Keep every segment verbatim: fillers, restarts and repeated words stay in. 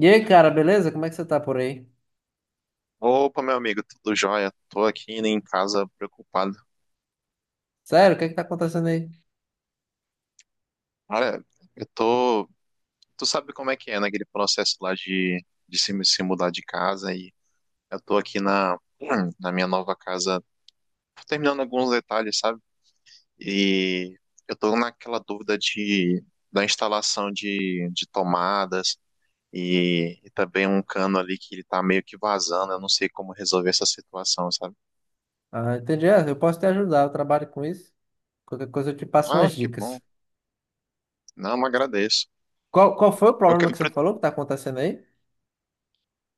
E aí, cara, beleza? Como é que você tá por aí? Opa, meu amigo, tudo jóia? Tô aqui, né, em casa preocupado. Sério, o que é que tá acontecendo aí? Olha, eu tô. Tu sabe como é que é, né? Aquele processo lá de, de se, se mudar de casa. E eu tô aqui na, na minha nova casa, tô terminando alguns detalhes, sabe? E eu tô naquela dúvida de, da instalação de, de tomadas e, e também um cano ali que ele tá meio que vazando. Eu não sei como resolver essa situação, sabe? Ah, entendi. É, eu posso te ajudar, eu trabalho com isso. Qualquer coisa eu te passo umas Ah, que bom. dicas. Não, agradeço. Qual, qual foi o Eu, que- problema que você falou que tá acontecendo aí?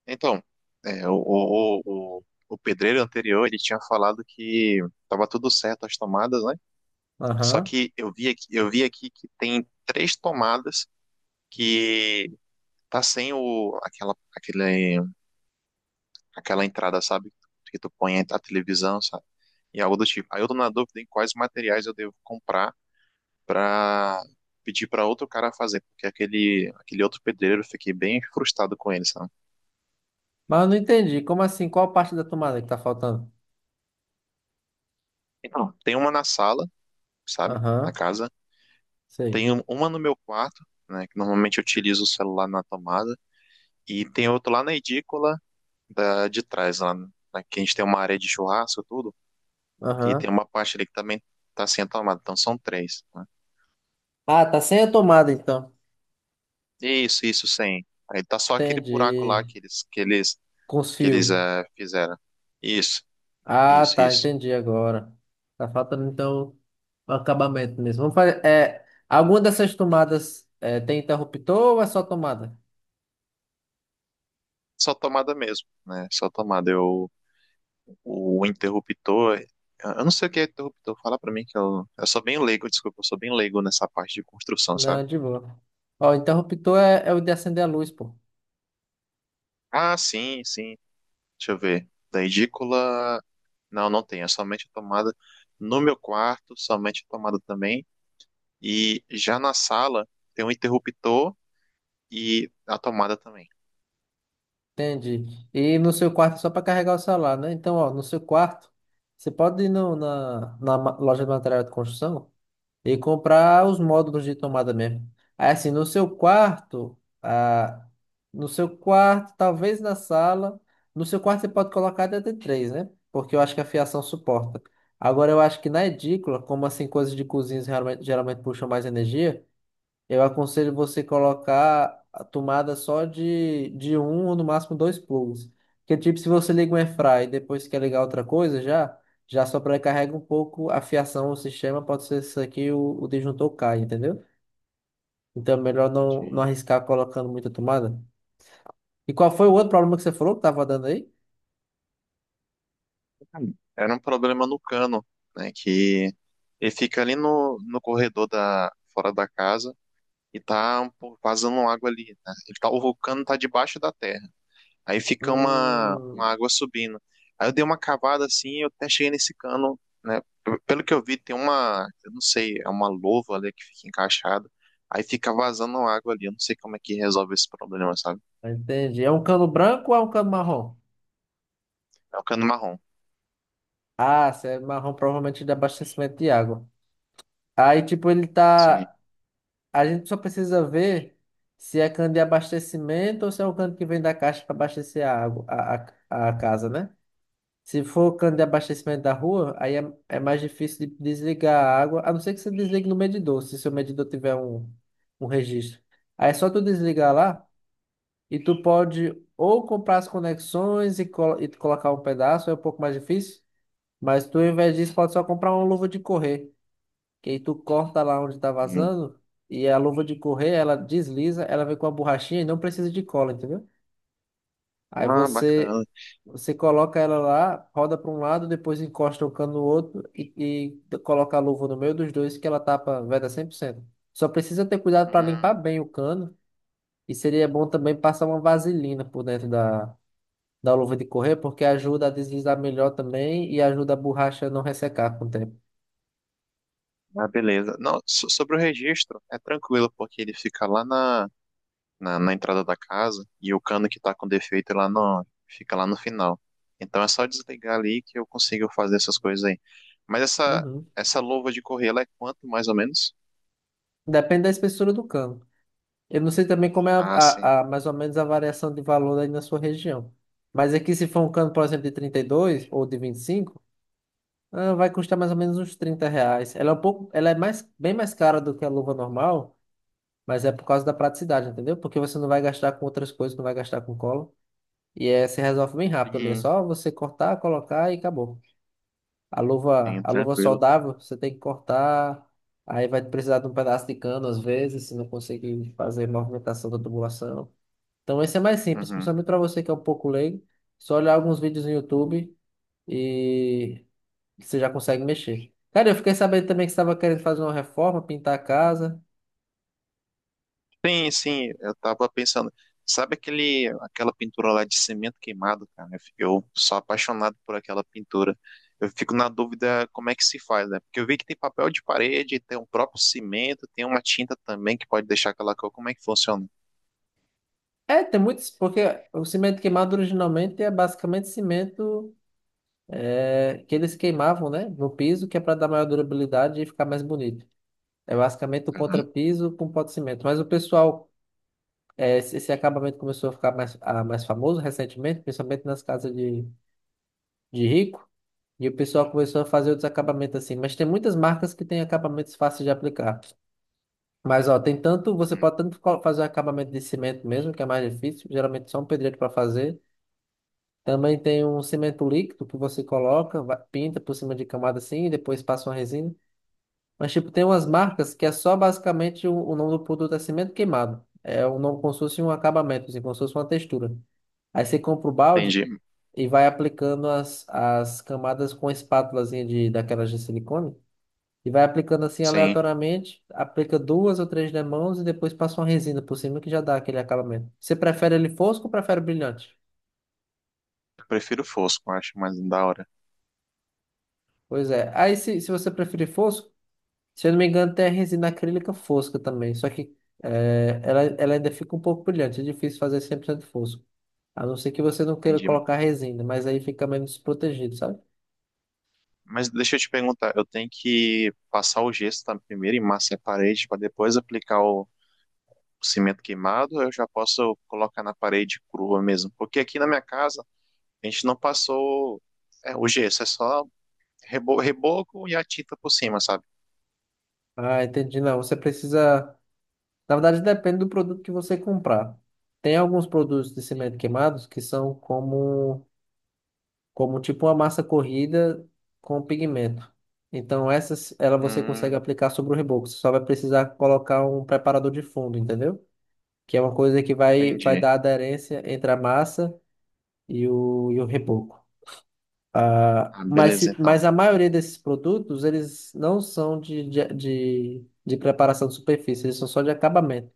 Então, é, o, o, o, o o pedreiro anterior, ele tinha falado que estava tudo certo as tomadas, né? Só Aham. que eu vi aqui, eu vi aqui que tem três tomadas que tá sem o, aquela, aquele, aquela entrada, sabe? Que tu põe a televisão, sabe? E algo do tipo. Aí eu tô na dúvida em quais materiais eu devo comprar pra pedir pra outro cara fazer, porque aquele, aquele outro pedreiro eu fiquei bem frustrado com ele, sabe? Mas eu não entendi. Como assim? Qual parte da tomada que tá faltando? Então, tem uma na sala, sabe? Na Aham, casa. sei. Tenho uma no meu quarto, né, que normalmente eu utilizo o celular na tomada, e tem outra lá na edícula da, de trás, lá, na- que a gente tem uma área de churrasco e tudo, e tem Aham. uma parte ali que também tá sem a tomada, então são três, né? Ah, tá sem a tomada então. Isso, isso, sem. Aí tá só aquele buraco lá Entendi. que eles, que eles, Com os que fios. eles eh, fizeram. Isso, Ah, isso, tá, isso. entendi agora. Tá faltando então o acabamento mesmo. Vamos fazer. É, alguma dessas tomadas é, tem interruptor ou é só tomada? Só tomada mesmo, né? Só tomada. Eu, o interruptor, eu não sei o que é interruptor, fala pra mim que eu, eu sou bem leigo, desculpa, eu sou bem leigo nessa parte de construção, sabe? Não, de boa. Ó, o interruptor é, é o de acender a luz, pô. Ah, sim, sim. Deixa eu ver. Da edícula. Não, não tem. É somente a tomada. No meu quarto, somente a tomada também. E já na sala tem um interruptor e a tomada também. Entende? E no seu quarto é só para carregar o celular, né? Então, ó, no seu quarto, você pode ir no- na, na ma- loja de material de construção e comprar os módulos de tomada mesmo. Aí, assim, no seu quarto, ah, no seu quarto, talvez na sala, no seu quarto você pode colocar até três, né? Porque eu acho que a fiação suporta. Agora, eu acho que na edícula, como assim, coisas de cozinhas geralmente geralmente puxam mais energia. Eu aconselho você colocar a tomada só de, de um ou no máximo dois plugs. Porque, tipo, se você liga um airfry e depois quer ligar outra coisa, já já sobrecarrega um pouco a fiação, o sistema, pode ser isso aqui, o, o disjuntor cai, entendeu? Então, é melhor não, não Entendi. arriscar colocando muita tomada. E qual foi o outro problema que você falou que tava dando aí? Era um problema no cano, né? Que ele fica ali no, no corredor da, fora da casa e tá um pouco vazando água ali, né? Ele tá, o cano tá debaixo da terra. Aí fica uma, uma Hum, água subindo. Aí eu dei uma cavada assim, eu até cheguei nesse cano, né? P- Pelo que eu vi, tem uma, eu não sei, é uma louva ali que fica encaixada. Aí fica vazando água ali. Eu não sei como é que resolve esse problema, sabe? entendi. É um cano branco ou é um cano marrom? É um cano marrom. Ah, se é marrom, provavelmente de abastecimento de água. Aí, tipo, ele Sim. tá. A gente só precisa ver se é cano de abastecimento ou se é o cano que vem da caixa para abastecer a água, a, a, a casa, né? Se for cano de abastecimento da rua, aí é, é mais difícil de desligar a água, a não ser que você desligue no medidor, se seu medidor tiver um, um registro. Aí é só tu desligar lá e tu pode ou comprar as conexões e, colo- e colocar um pedaço, é um pouco mais difícil, mas tu, ao invés disso, pode só comprar uma luva de correr que aí tu corta lá onde tá Hum. vazando e a luva de correr, ela desliza, ela vem com a borrachinha e não precisa de cola, entendeu? Aí Ah, você bacana. você coloca ela lá, roda para um lado, depois encosta o cano no outro e, e coloca a luva no meio dos dois que ela tapa, veda cem por cento. Só precisa ter cuidado para limpar Hum. bem o cano e seria bom também passar uma vaselina por dentro da da luva de correr, porque ajuda a deslizar melhor também e ajuda a borracha a não ressecar com o tempo. Ah, beleza. Não, so- sobre o registro, é tranquilo, porque ele fica lá na na, na entrada da casa e o cano que tá com defeito lá não fica lá no final. Então é só desligar ali que eu consigo fazer essas coisas aí. Mas essa Uhum. essa luva de correr, ela é quanto mais ou menos? Depende da espessura do cano. Eu não sei também como é a, Ah, sim. a- a- mais ou menos a variação de valor aí na sua região. Mas aqui, se for um cano, por exemplo, de trinta e dois ou de vinte e cinco, ah, vai custar mais ou menos uns trinta reais. Ela é um pouco, ela é mais, bem mais cara do que a luva normal, mas é por causa da praticidade, entendeu? Porque você não vai gastar com outras coisas, não vai gastar com cola. E é, se resolve bem rápido ali. É Sim, só você cortar, colocar e acabou. A luva, sim, a luva tranquilo. soldável, você tem que cortar. Aí vai precisar de um pedaço de cano, às vezes, se não conseguir fazer movimentação da tubulação. Então esse é mais simples, Uhum. principalmente para você que é um pouco leigo. Só olhar alguns vídeos no YouTube e você já consegue mexer. Cara, eu fiquei sabendo também que você estava querendo fazer uma reforma, pintar a casa. Sim, sim, eu tava pensando. Sabe aquele, aquela pintura lá de cimento queimado, cara? Eu sou apaixonado por aquela pintura. Eu fico na dúvida como é que se faz, né? Porque eu vi que tem papel de parede, tem um próprio cimento, tem uma tinta também que pode deixar aquela cor. Como é que funciona? É, tem muitos, porque o cimento queimado originalmente é basicamente cimento é, que eles queimavam, né, no piso, que é para dar maior durabilidade e ficar mais bonito. É basicamente o contrapiso com pó de cimento. Mas o pessoal, é, esse esse acabamento começou a ficar mais, a- mais famoso recentemente, principalmente nas casas de, de rico. E o pessoal começou a fazer outros acabamentos assim. Mas tem muitas marcas que têm acabamentos fáceis de aplicar. Mas, ó, tem tanto, você pode tanto co- fazer um acabamento de cimento mesmo, que é mais difícil, geralmente só um pedreiro para fazer. Também tem um cimento líquido que você coloca, va- pinta por cima de camada assim, e depois passa uma resina. Mas, tipo, tem umas marcas que é só basicamente o, o nome do produto é cimento queimado. É um nome como se fosse um acabamento, assim, como se fosse uma textura. Aí você compra o balde Entendi. e vai aplicando as, as camadas com espátulazinha de, daquelas de silicone. E vai aplicando assim Sim, aleatoriamente, aplica duas ou três demãos e depois passa uma resina por cima que já dá aquele acabamento. Você prefere ele fosco ou prefere brilhante? eu prefiro fosco, eu acho mais da hora. Pois é. Aí se, se você preferir fosco, se eu não me engano, tem a resina acrílica fosca também. Só que é, ela, ela ainda fica um pouco brilhante. É difícil fazer cem por cento fosco. A não ser que você não queira Entendi. colocar resina, mas aí fica menos desprotegido, sabe? Mas deixa eu te perguntar, eu tenho que passar o gesso tá, primeiro e massa a parede para depois aplicar o, o cimento queimado, eu já posso colocar na parede crua mesmo. Porque aqui na minha casa, a gente não passou, é, o gesso, é só rebo- reboco e a tinta por cima, sabe? Ah, entendi. Não, você precisa. Na verdade, depende do produto que você comprar. Tem alguns produtos de cimento queimados que são como como tipo uma massa corrida com pigmento. Então essas, ela você consegue Hum, aplicar sobre o reboco. Você só vai precisar colocar um preparador de fundo, entendeu? Que é uma coisa que vai, vai entendi. dar aderência entre a massa e o, e o reboco. Ah, Ah, mas, se- beleza, então. mas a maioria desses produtos, eles não são de, de, de, de preparação de superfície, eles são só de acabamento.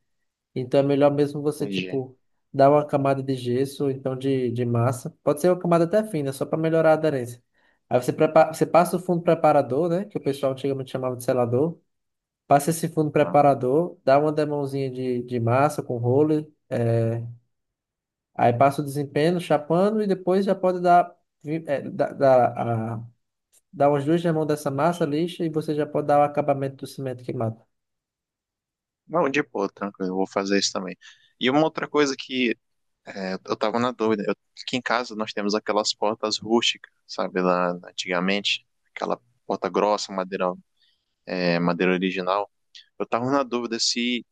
Então é melhor mesmo você, Entendi. tipo, dar uma camada de gesso, ou então de, de massa. Pode ser uma camada até fina, só para melhorar a aderência. Aí você, prepara, você passa o fundo preparador, né? Que o pessoal antigamente chamava de selador. Passa esse fundo Ah, preparador, dá uma demãozinha de, de massa com roller. É, aí passa o desempenho, chapando, e depois já pode dar, vi- é, dar, dar, a- dar umas duas demãos dessa massa lixa e você já pode dar o acabamento do cimento queimado. não, de boa, tranquilo, eu vou fazer isso também. E uma outra coisa que, é, eu tava na dúvida, eu- aqui em casa nós temos aquelas portas rústicas, sabe, lá antigamente, aquela porta grossa, madeira, é, madeira original. Eu tava na dúvida se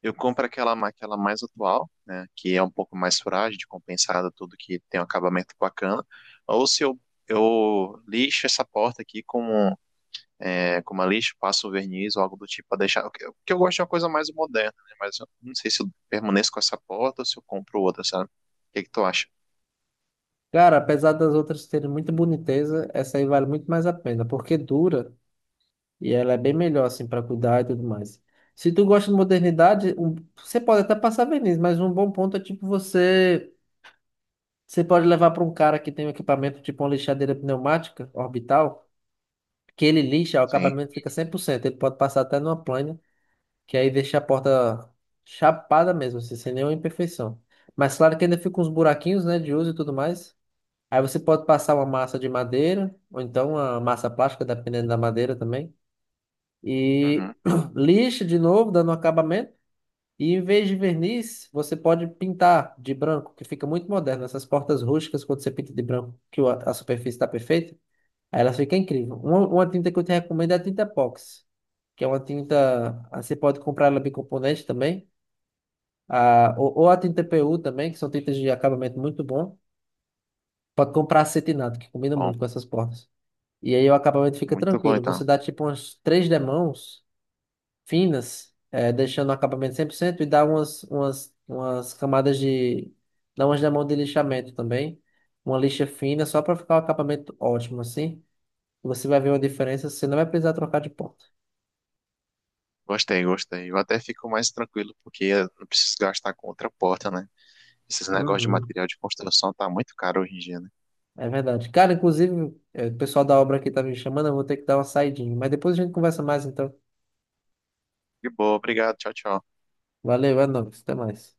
eu compro aquela, ma- aquela mais atual, né, que é um pouco mais frágil, de compensada, tudo que tem um acabamento bacana. Ou se eu eu lixo essa porta aqui com, é, com uma lixa, passo um verniz ou algo do tipo para deixar. O que o que eu gosto é uma coisa mais moderna, né, mas eu não sei se eu permaneço com essa porta ou se eu compro outra, sabe? O que que tu acha? Cara, apesar das outras terem muita boniteza, essa aí vale muito mais a pena, porque dura e ela é bem melhor, assim, para cuidar e tudo mais. Se tu gosta de modernidade, um- você pode até passar verniz, mas um bom ponto é tipo você. Você pode levar para um cara que tem um equipamento tipo uma lixadeira pneumática orbital, que ele lixa, o Sim. acabamento fica cem por cento. Ele pode passar até numa plana, que aí deixa a porta chapada mesmo, assim, sem nenhuma imperfeição. Mas claro que ainda fica uns buraquinhos, né, de uso e tudo mais. Aí você pode passar uma massa de madeira, ou então uma massa plástica, dependendo da madeira também. E Uhum. lixa de novo, dando um acabamento. E em vez de verniz, você pode pintar de branco, que fica muito moderno. Essas portas rústicas, quando você pinta de branco, que o- a superfície está perfeita, aí elas ficam incríveis. Uma, uma tinta que eu te recomendo é a tinta epox, que é uma tinta. ah, Você pode comprar ela bicomponente também, ah, ou, ou a tinta P U também, que são tintas de acabamento muito bom. Pode comprar acetinado, que combina Bom, muito com essas portas. E aí o acabamento fica muito bom tranquilo. Você então. dá tipo umas três demãos finas, é, deixando o acabamento cem por cento e dá umas, umas, umas camadas de... Dá umas demãos de lixamento também. Uma lixa fina só para ficar o acabamento ótimo assim. Você vai ver uma diferença, você não vai precisar trocar de ponta. Gostei, gostei. Eu até fico mais tranquilo porque eu não preciso gastar com outra porta, né? Esses negócios de Uhum, material de construção tá muito caro hoje em dia, né? é verdade. Cara, inclusive, é, o pessoal da obra aqui tá me chamando, eu vou ter que dar uma saidinha. Mas depois a gente conversa mais então. De boa, obrigado. Tchau, tchau. Valeu, é nóis, até mais.